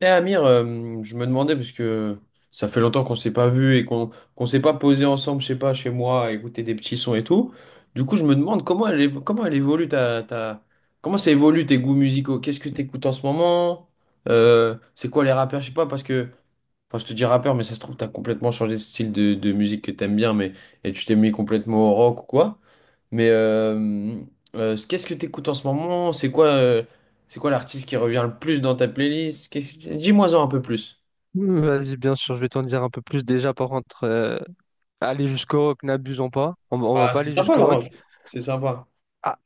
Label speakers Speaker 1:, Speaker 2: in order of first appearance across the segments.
Speaker 1: Eh Amir, je me demandais, parce que ça fait longtemps qu'on s'est pas vu et qu'on s'est pas posé ensemble, je sais pas, chez moi, à écouter des petits sons et tout. Du coup, je me demande comment elle évolue ta, ta- comment ça évolue tes goûts musicaux? Qu'est-ce que t'écoutes en ce moment? C'est quoi les rappeurs? Je sais pas, parce que, enfin, je te dis rappeur, mais ça se trouve, t'as complètement changé de style de musique que t'aimes bien, mais et tu t'es mis complètement au rock ou quoi. Mais qu'est-ce que t'écoutes en ce moment? C'est quoi l'artiste qui revient le plus dans ta playlist? Qu'est-ce Dis-moi-en un peu plus.
Speaker 2: Mmh, vas-y, bien sûr, je vais t'en dire un peu plus. Déjà, par contre, aller jusqu'au rock, n'abusons pas. On va
Speaker 1: Ah,
Speaker 2: pas
Speaker 1: c'est
Speaker 2: aller
Speaker 1: sympa la
Speaker 2: jusqu'au
Speaker 1: robe.
Speaker 2: rock.
Speaker 1: C'est sympa.
Speaker 2: Ah,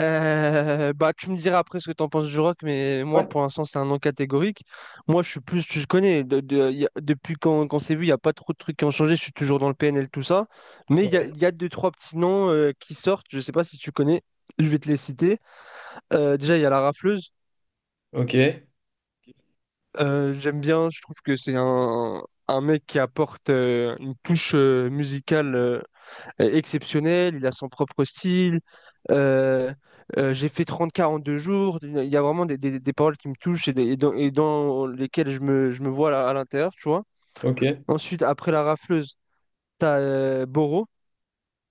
Speaker 2: bah, tu me diras après ce que t'en penses du rock, mais moi,
Speaker 1: Ouais.
Speaker 2: pour l'instant, c'est un non catégorique. Moi, je suis plus, tu te connais, depuis qu'on s'est vu, il n'y a pas trop de trucs qui ont changé. Je suis toujours dans le PNL, tout ça. Mais il y a,
Speaker 1: Ouais.
Speaker 2: y a deux, trois petits noms qui sortent. Je sais pas si tu connais. Je vais te les citer. Déjà, il y a la rafleuse.
Speaker 1: Ok,
Speaker 2: J'aime bien. Je trouve que c'est un mec qui apporte une touche musicale. Exceptionnel, il a son propre style. euh, j'ai fait trente quarante deux jours. Il y a vraiment des paroles qui me touchent et dans lesquelles je me vois là, à l'intérieur, tu vois.
Speaker 1: ok.
Speaker 2: Ensuite, après la rafleuse, t'as Boro.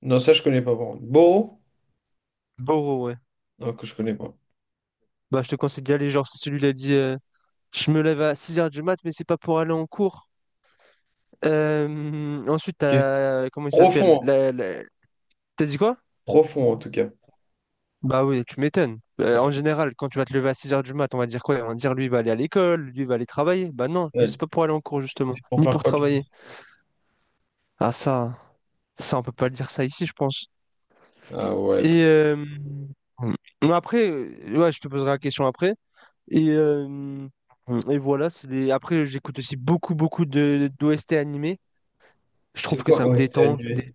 Speaker 1: Non, ça je connais pas par contre. Boro?
Speaker 2: Boro, ouais.
Speaker 1: Non, que je connais pas.
Speaker 2: Bah, je te conseille d'y aller. Genre, c'est celui qui dit je me lève à 6 heures du mat, mais c'est pas pour aller en cours. Ensuite,
Speaker 1: Ok.
Speaker 2: t'as. Comment il
Speaker 1: Profond,
Speaker 2: s'appelle
Speaker 1: hein.
Speaker 2: T'as dit quoi?
Speaker 1: Profond en tout cas.
Speaker 2: Bah oui, tu m'étonnes. En général, quand tu vas te lever à 6 heures du mat, on va dire quoi? On va dire lui, il va aller à l'école, lui, il va aller travailler. Bah non, lui, c'est
Speaker 1: Ouais.
Speaker 2: pas pour aller en cours, justement,
Speaker 1: C'est pour
Speaker 2: ni
Speaker 1: faire
Speaker 2: pour
Speaker 1: quoi tu
Speaker 2: travailler.
Speaker 1: penses?
Speaker 2: Ah ça, ça, on peut pas le dire ça ici, je pense.
Speaker 1: Ah ouais. Trop.
Speaker 2: Et euh, mais après, ouais, je te poserai la question après. Et, euh, et voilà, c'est après, j'écoute aussi beaucoup, beaucoup de d'OST animés. Je trouve
Speaker 1: C'est
Speaker 2: que
Speaker 1: quoi?
Speaker 2: ça me
Speaker 1: Ouais, c'était
Speaker 2: détend.
Speaker 1: animé.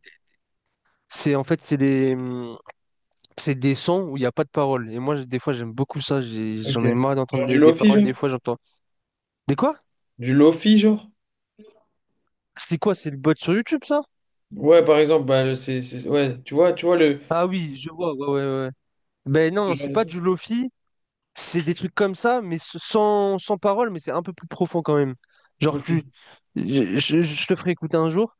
Speaker 2: C'est en fait, c'est des sons où il n'y a pas de paroles. Et moi, des fois, j'aime beaucoup ça.
Speaker 1: Ok.
Speaker 2: J'en ai marre d'entendre
Speaker 1: Genre du
Speaker 2: des
Speaker 1: lofi,
Speaker 2: paroles.
Speaker 1: genre?
Speaker 2: Des fois, j'entends. Des quoi?
Speaker 1: Du lofi, genre?
Speaker 2: C'est quoi? C'est le bot sur YouTube, ça?
Speaker 1: Ouais, par exemple, bah, ouais, tu vois le.
Speaker 2: Ah oui, je vois, ouais, ouais, ouais, ouais. Ben
Speaker 1: ce
Speaker 2: non,
Speaker 1: genre
Speaker 2: c'est pas
Speaker 1: de-
Speaker 2: du lofi, c'est des trucs comme ça, mais sans parole, mais c'est un peu plus profond quand même. Genre,
Speaker 1: Ok.
Speaker 2: je te ferai écouter un jour,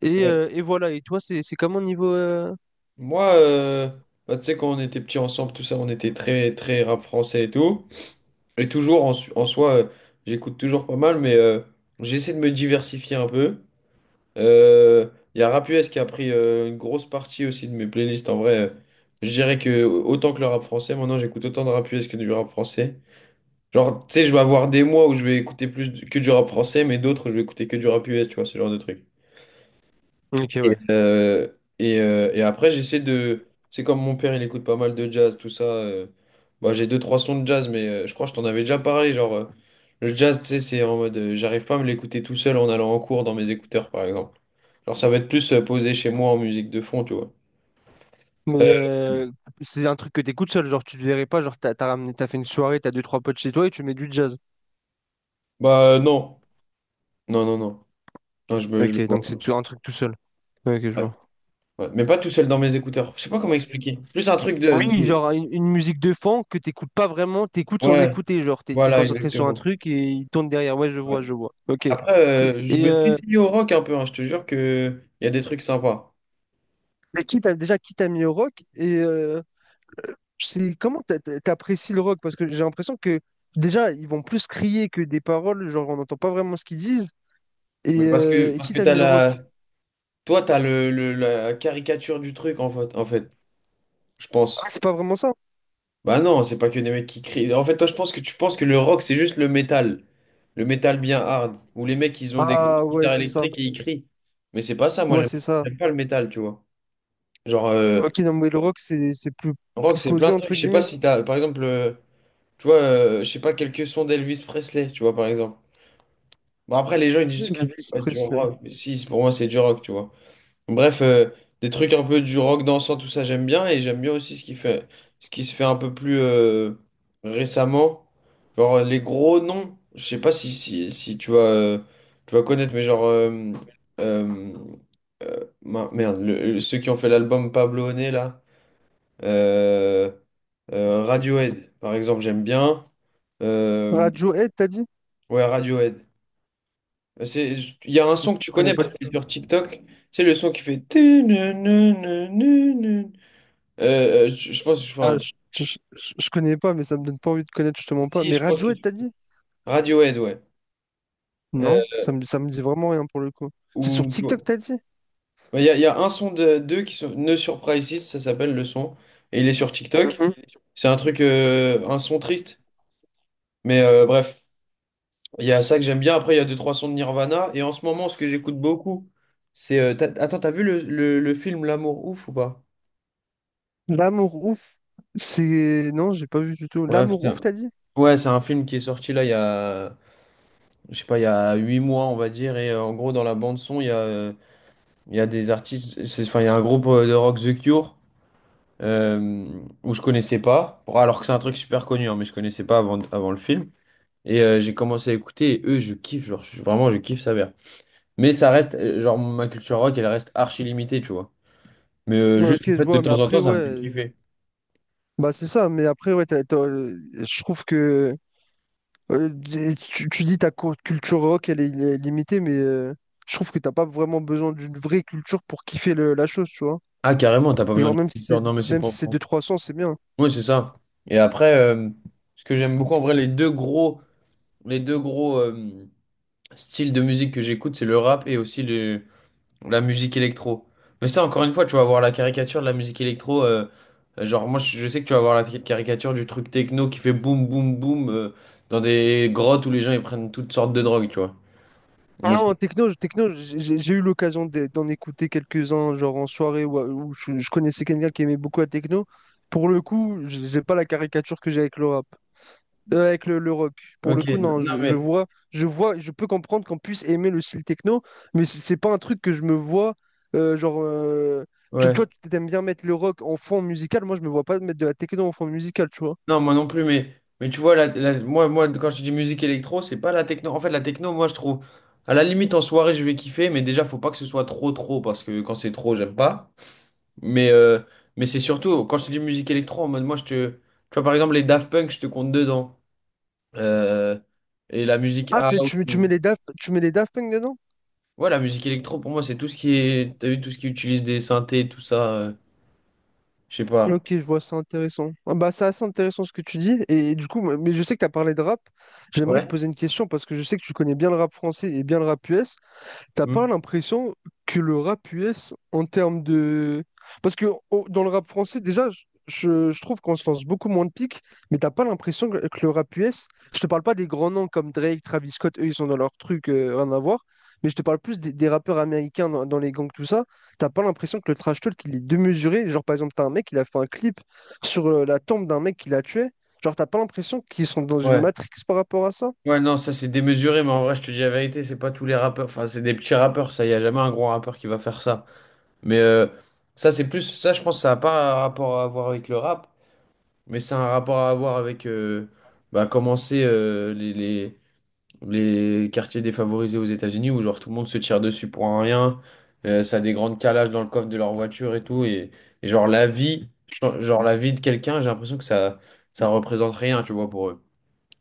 Speaker 2: et,
Speaker 1: Ouais.
Speaker 2: euh, et voilà. Et toi, c'est comment niveau.
Speaker 1: Moi, bah, tu sais, quand on était petits ensemble, tout ça, on était très, très rap français et tout. Et toujours, en soi, j'écoute toujours pas mal, mais j'essaie de me diversifier un peu. Euh, Il y a Rap US qui a pris une grosse partie aussi de mes playlists. En vrai, je dirais que autant que le rap français, maintenant, j'écoute autant de rap US que du rap français. Genre, tu sais, je vais avoir des mois où je vais écouter plus que du rap français, mais d'autres, je vais écouter que du rap US, tu vois, ce genre de truc.
Speaker 2: Ok,
Speaker 1: Et,
Speaker 2: ouais.
Speaker 1: euh, et après, j'essaie de. C'est comme mon père, il écoute pas mal de jazz, tout ça. Bah, j'ai deux, trois sons de jazz, mais je crois que je t'en avais déjà parlé. Genre, le jazz, tu sais, c'est en mode. J'arrive pas à me l'écouter tout seul en allant en cours dans mes écouteurs, par exemple. Alors ça va être plus posé chez moi en musique de fond, tu vois.
Speaker 2: Mais
Speaker 1: Euh,
Speaker 2: c'est un truc que t'écoutes seul, genre, tu te verrais pas, genre, t'as ramené, t'as fait une soirée, t'as deux, trois potes chez toi, et tu mets du jazz.
Speaker 1: bah, non. Non, non, non. Non, je le
Speaker 2: Ok,
Speaker 1: vois
Speaker 2: donc
Speaker 1: pas.
Speaker 2: c'est un truc tout seul. Ok, je
Speaker 1: Ouais.
Speaker 2: vois.
Speaker 1: Ouais. Mais pas tout seul dans mes écouteurs. Je sais pas comment expliquer. Plus un truc
Speaker 2: Oui, genre une musique de fond que t'écoutes pas vraiment, t'écoutes sans
Speaker 1: Ouais,
Speaker 2: écouter, genre t'es
Speaker 1: voilà,
Speaker 2: concentré sur un
Speaker 1: exactement.
Speaker 2: truc et il tourne derrière. Ouais, je
Speaker 1: Ouais.
Speaker 2: vois, je vois. Ok. Et,
Speaker 1: Après, je
Speaker 2: et,
Speaker 1: me suis
Speaker 2: euh,
Speaker 1: essayé au rock un peu, hein, je te jure que il y a des trucs sympas.
Speaker 2: mais qui t'a mis au rock c'est comment t'apprécies le rock? Parce que j'ai l'impression que déjà ils vont plus crier que des paroles, genre on n'entend pas vraiment ce qu'ils disent. Et,
Speaker 1: Mais parce que
Speaker 2: euh, et
Speaker 1: parce
Speaker 2: qui
Speaker 1: que
Speaker 2: t'a
Speaker 1: t'as
Speaker 2: mis au
Speaker 1: la.
Speaker 2: rock?
Speaker 1: Toi, t'as la caricature du truc en fait, je
Speaker 2: Ah,
Speaker 1: pense.
Speaker 2: c'est pas vraiment ça.
Speaker 1: Bah non, c'est pas que des mecs qui crient. En fait, toi, je pense que tu penses que le rock, c'est juste le métal. Le métal bien hard. Où les mecs, ils ont des
Speaker 2: Ah ouais,
Speaker 1: guitares
Speaker 2: c'est ça.
Speaker 1: électriques et ils crient. Mais c'est pas ça, moi
Speaker 2: Ouais,
Speaker 1: j'aime
Speaker 2: c'est ça.
Speaker 1: j'aime pas le métal, tu vois. Genre,
Speaker 2: Ok, non mais le rock c'est plus,
Speaker 1: rock,
Speaker 2: plus
Speaker 1: c'est plein
Speaker 2: posé
Speaker 1: de trucs.
Speaker 2: entre
Speaker 1: Je sais pas
Speaker 2: guillemets.
Speaker 1: si t'as, par exemple, tu vois, je sais pas, quelques sons d'Elvis Presley, tu vois, par exemple. Bon, après, les gens, ils disent que c'est
Speaker 2: Elvis
Speaker 1: pas du
Speaker 2: Presley.
Speaker 1: rock. Mais si, pour moi, c'est du rock, tu vois. Bref, des trucs un peu du rock dansant, tout ça, j'aime bien. Et j'aime bien aussi ce qui se fait un peu plus récemment. Genre, les gros noms. Je sais pas si tu vas connaître, mais genre... euh, merde, ceux qui ont fait l'album Pablo Honey, là. Euh, Radiohead, par exemple, j'aime bien. Euh,
Speaker 2: Radiohead, t'as dit?
Speaker 1: ouais, Radiohead. C'est, il y a un
Speaker 2: Je
Speaker 1: son que tu
Speaker 2: connais
Speaker 1: connais
Speaker 2: pas
Speaker 1: parce que
Speaker 2: du
Speaker 1: c'est
Speaker 2: tout.
Speaker 1: sur TikTok. C'est le son qui fait. Je pense.
Speaker 2: Ah,
Speaker 1: Enfin,
Speaker 2: je connais pas, mais ça me donne pas envie de connaître, justement pas.
Speaker 1: si,
Speaker 2: Mais
Speaker 1: je pense que.
Speaker 2: Radiohead, t'as dit?
Speaker 1: Radiohead, ouais. Euh,
Speaker 2: Non, ça me dit vraiment rien pour le coup. C'est sur
Speaker 1: ou, tu vois.
Speaker 2: TikTok, t'as dit?
Speaker 1: Ouais, il y a un son de deux qui sont. No Surprises, ça s'appelle le son. Et il est sur TikTok.
Speaker 2: Mhm.
Speaker 1: C'est un truc. Un son triste. Mais bref, il y a ça que j'aime bien. Après, il y a deux, trois sons de Nirvana. Et en ce moment, ce que j'écoute beaucoup, attends, t'as vu le film L'amour ouf ou pas?
Speaker 2: L'amour ouf. C'est. Non, j'ai pas vu du tout.
Speaker 1: Bref,
Speaker 2: L'amour ouf, t'as dit?
Speaker 1: ouais, c'est un film qui est sorti là il y a. Je sais pas, il y a 8 mois, on va dire, et en gros, dans la bande son, il y a des artistes, enfin, il y a un groupe de rock The Cure, euh, où je connaissais pas, bon, alors que c'est un truc super connu, hein, mais je connaissais pas avant le film. Et j'ai commencé à écouter, et eux, je kiffe, genre, vraiment, je kiffe Savère. Mais ça reste, genre, ma culture rock, elle reste archi limitée, tu vois. Mais
Speaker 2: Ouais, ok,
Speaker 1: juste, en
Speaker 2: je
Speaker 1: fait, de
Speaker 2: vois, mais
Speaker 1: temps en
Speaker 2: après,
Speaker 1: temps, ça me fait
Speaker 2: ouais.
Speaker 1: kiffer.
Speaker 2: Bah, c'est ça, mais après, ouais, je trouve que. euh, tu dis ta culture rock, elle est limitée, mais je trouve que t'as pas vraiment besoin d'une vraie culture pour kiffer la chose, tu vois.
Speaker 1: Ah, carrément, t'as pas besoin
Speaker 2: Genre,
Speaker 1: d'une culture. Non, mais c'est
Speaker 2: même si
Speaker 1: pour.
Speaker 2: c'est deux trois cents, c'est bien.
Speaker 1: Oui, c'est ça. Et après, ce que j'aime beaucoup, en vrai, les deux gros, euh, style de musique que j'écoute, c'est le rap et aussi la musique électro. Mais ça, encore une fois, tu vas voir la caricature de la musique électro. Genre, moi, je sais que tu vas voir la caricature du truc techno qui fait boum, boum, boum dans des grottes où les gens ils prennent toutes sortes de drogues, tu vois.
Speaker 2: Ah
Speaker 1: Mais
Speaker 2: non, techno, techno j'ai eu l'occasion d'en écouter quelques-uns, genre en soirée où je connaissais quelqu'un qui aimait beaucoup la techno. Pour le coup, j'ai pas la caricature que j'ai avec le rap, avec le rock. Pour
Speaker 1: ok,
Speaker 2: le coup, non,
Speaker 1: non, mais
Speaker 2: je vois, je peux comprendre qu'on puisse aimer le style techno, mais c'est pas un truc que je me vois, genre,
Speaker 1: ouais.
Speaker 2: toi, tu t'aimes bien mettre le rock en fond musical, moi, je me vois pas mettre de la techno en fond musical, tu vois.
Speaker 1: Non, moi non plus, mais tu vois, moi, quand je dis musique électro, c'est pas la techno. En fait, la techno, moi, je trouve, à la limite, en soirée, je vais kiffer, mais déjà, faut pas que ce soit trop, trop, parce que quand c'est trop, j'aime pas. Mais, euh, mais c'est surtout, quand je te dis musique électro, en mode moi, je te. Tu vois, par exemple, les Daft Punk, je te compte dedans. Euh, et la musique
Speaker 2: Ah,
Speaker 1: house. Ou...
Speaker 2: tu mets les Daft Punk dedans?
Speaker 1: Ouais, la musique électro, pour moi, c'est tout ce qui est. T'as vu, tout ce qui utilise des synthés, tout ça. Je sais pas.
Speaker 2: Ok, je vois, c'est intéressant. Ah bah, c'est assez intéressant ce que tu dis. Et, du coup, mais je sais que tu as parlé de rap. J'aimerais te
Speaker 1: Ouais.
Speaker 2: poser une question parce que je sais que tu connais bien le rap français et bien le rap US. T'as
Speaker 1: Hmm.
Speaker 2: pas l'impression que le rap US, en termes de... Parce que dans le rap français, déjà, je trouve qu'on se lance beaucoup moins de piques, mais t'as pas l'impression que le rap US, je te parle pas des grands noms comme Drake, Travis Scott, eux, ils sont dans leur truc, rien à voir, mais je te parle plus des rappeurs américains dans les gangs, tout ça. T'as pas l'impression que le trash talk, il est démesuré. Genre, par exemple, t'as un mec, il a fait un clip sur la tombe d'un mec qui l'a tué. Genre, t'as pas l'impression qu'ils sont dans une
Speaker 1: Ouais.
Speaker 2: matrix par rapport à ça?
Speaker 1: Ouais, non, ça, c'est démesuré, mais en vrai, je te dis la vérité, c'est pas tous les rappeurs. Enfin, c'est des petits rappeurs, ça. Y a jamais un gros rappeur qui va faire ça. Mais ça, c'est plus. Ça, je pense, ça a pas un rapport à voir avec le rap, mais c'est un rapport à avoir avec. Bah, commencer les... les quartiers défavorisés aux États-Unis où genre tout le monde se tire dessus pour un rien, ça a des grandes calages dans le coffre de leur voiture et tout et genre la vie de quelqu'un, j'ai l'impression que ça représente rien, tu vois pour eux.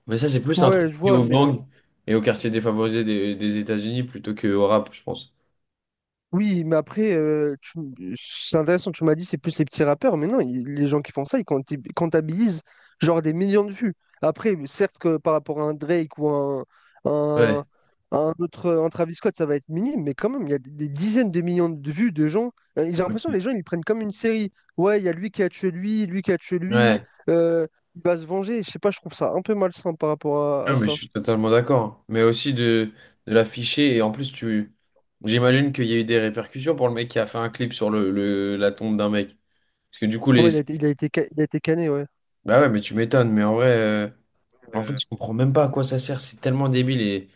Speaker 1: Mais ça c'est plus un truc
Speaker 2: Ouais, je
Speaker 1: lié
Speaker 2: vois,
Speaker 1: aux
Speaker 2: mais
Speaker 1: gangs et aux quartiers défavorisés des États-Unis plutôt que au rap, je pense.
Speaker 2: oui, mais après, c'est intéressant, tu m'as dit c'est plus les petits rappeurs, mais non, les gens qui font ça, comptabilisent genre des millions de vues. Après, certes que par rapport à un Drake ou
Speaker 1: Ouais,
Speaker 2: un, un autre, un Travis Scott, ça va être minime, mais quand même, il y a des dizaines de millions de vues de gens. J'ai l'impression que
Speaker 1: ok.
Speaker 2: les gens, ils le prennent comme une série. Ouais, il y a lui qui a tué lui, lui qui a tué lui,
Speaker 1: Ouais.
Speaker 2: euh, il va se venger. Je sais pas, je trouve ça un peu malsain par rapport à
Speaker 1: Non, mais
Speaker 2: ça.
Speaker 1: je suis totalement d'accord. Mais aussi de l'afficher et en plus tu j'imagine qu'il y a eu des répercussions pour le mec qui a fait un clip sur la tombe d'un mec. Parce que du coup, les.
Speaker 2: Ouais, il a été cané, ouais.
Speaker 1: Bah ouais, mais tu m'étonnes, mais en vrai, en fait, je comprends même pas à quoi ça sert, c'est tellement débile et,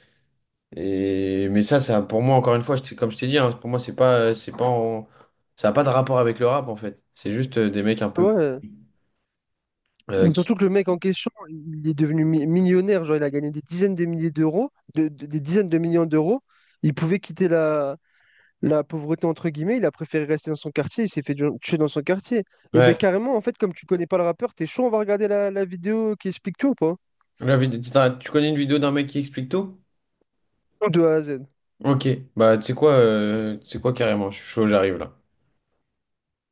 Speaker 1: mais ça, pour moi, encore une fois, comme je t'ai dit, hein, pour moi, c'est pas en- ça a pas de rapport avec le rap, en fait. C'est juste des mecs un peu,
Speaker 2: Ouais.
Speaker 1: qui...
Speaker 2: Surtout que le mec en question, il est devenu millionnaire, genre il a gagné des dizaines de milliers d'euros, des dizaines de millions d'euros. Il pouvait quitter la pauvreté entre guillemets, il a préféré rester dans son quartier, il s'est fait tuer dans son quartier. Et ben
Speaker 1: Ouais,
Speaker 2: carrément, en fait, comme tu connais pas le rappeur, t'es chaud, on va regarder la vidéo qui explique tout ou pas?
Speaker 1: tu connais une vidéo d'un mec qui explique tout?
Speaker 2: Tout de A à Z.
Speaker 1: Ok, bah tu sais quoi carrément, je suis chaud, j'arrive là.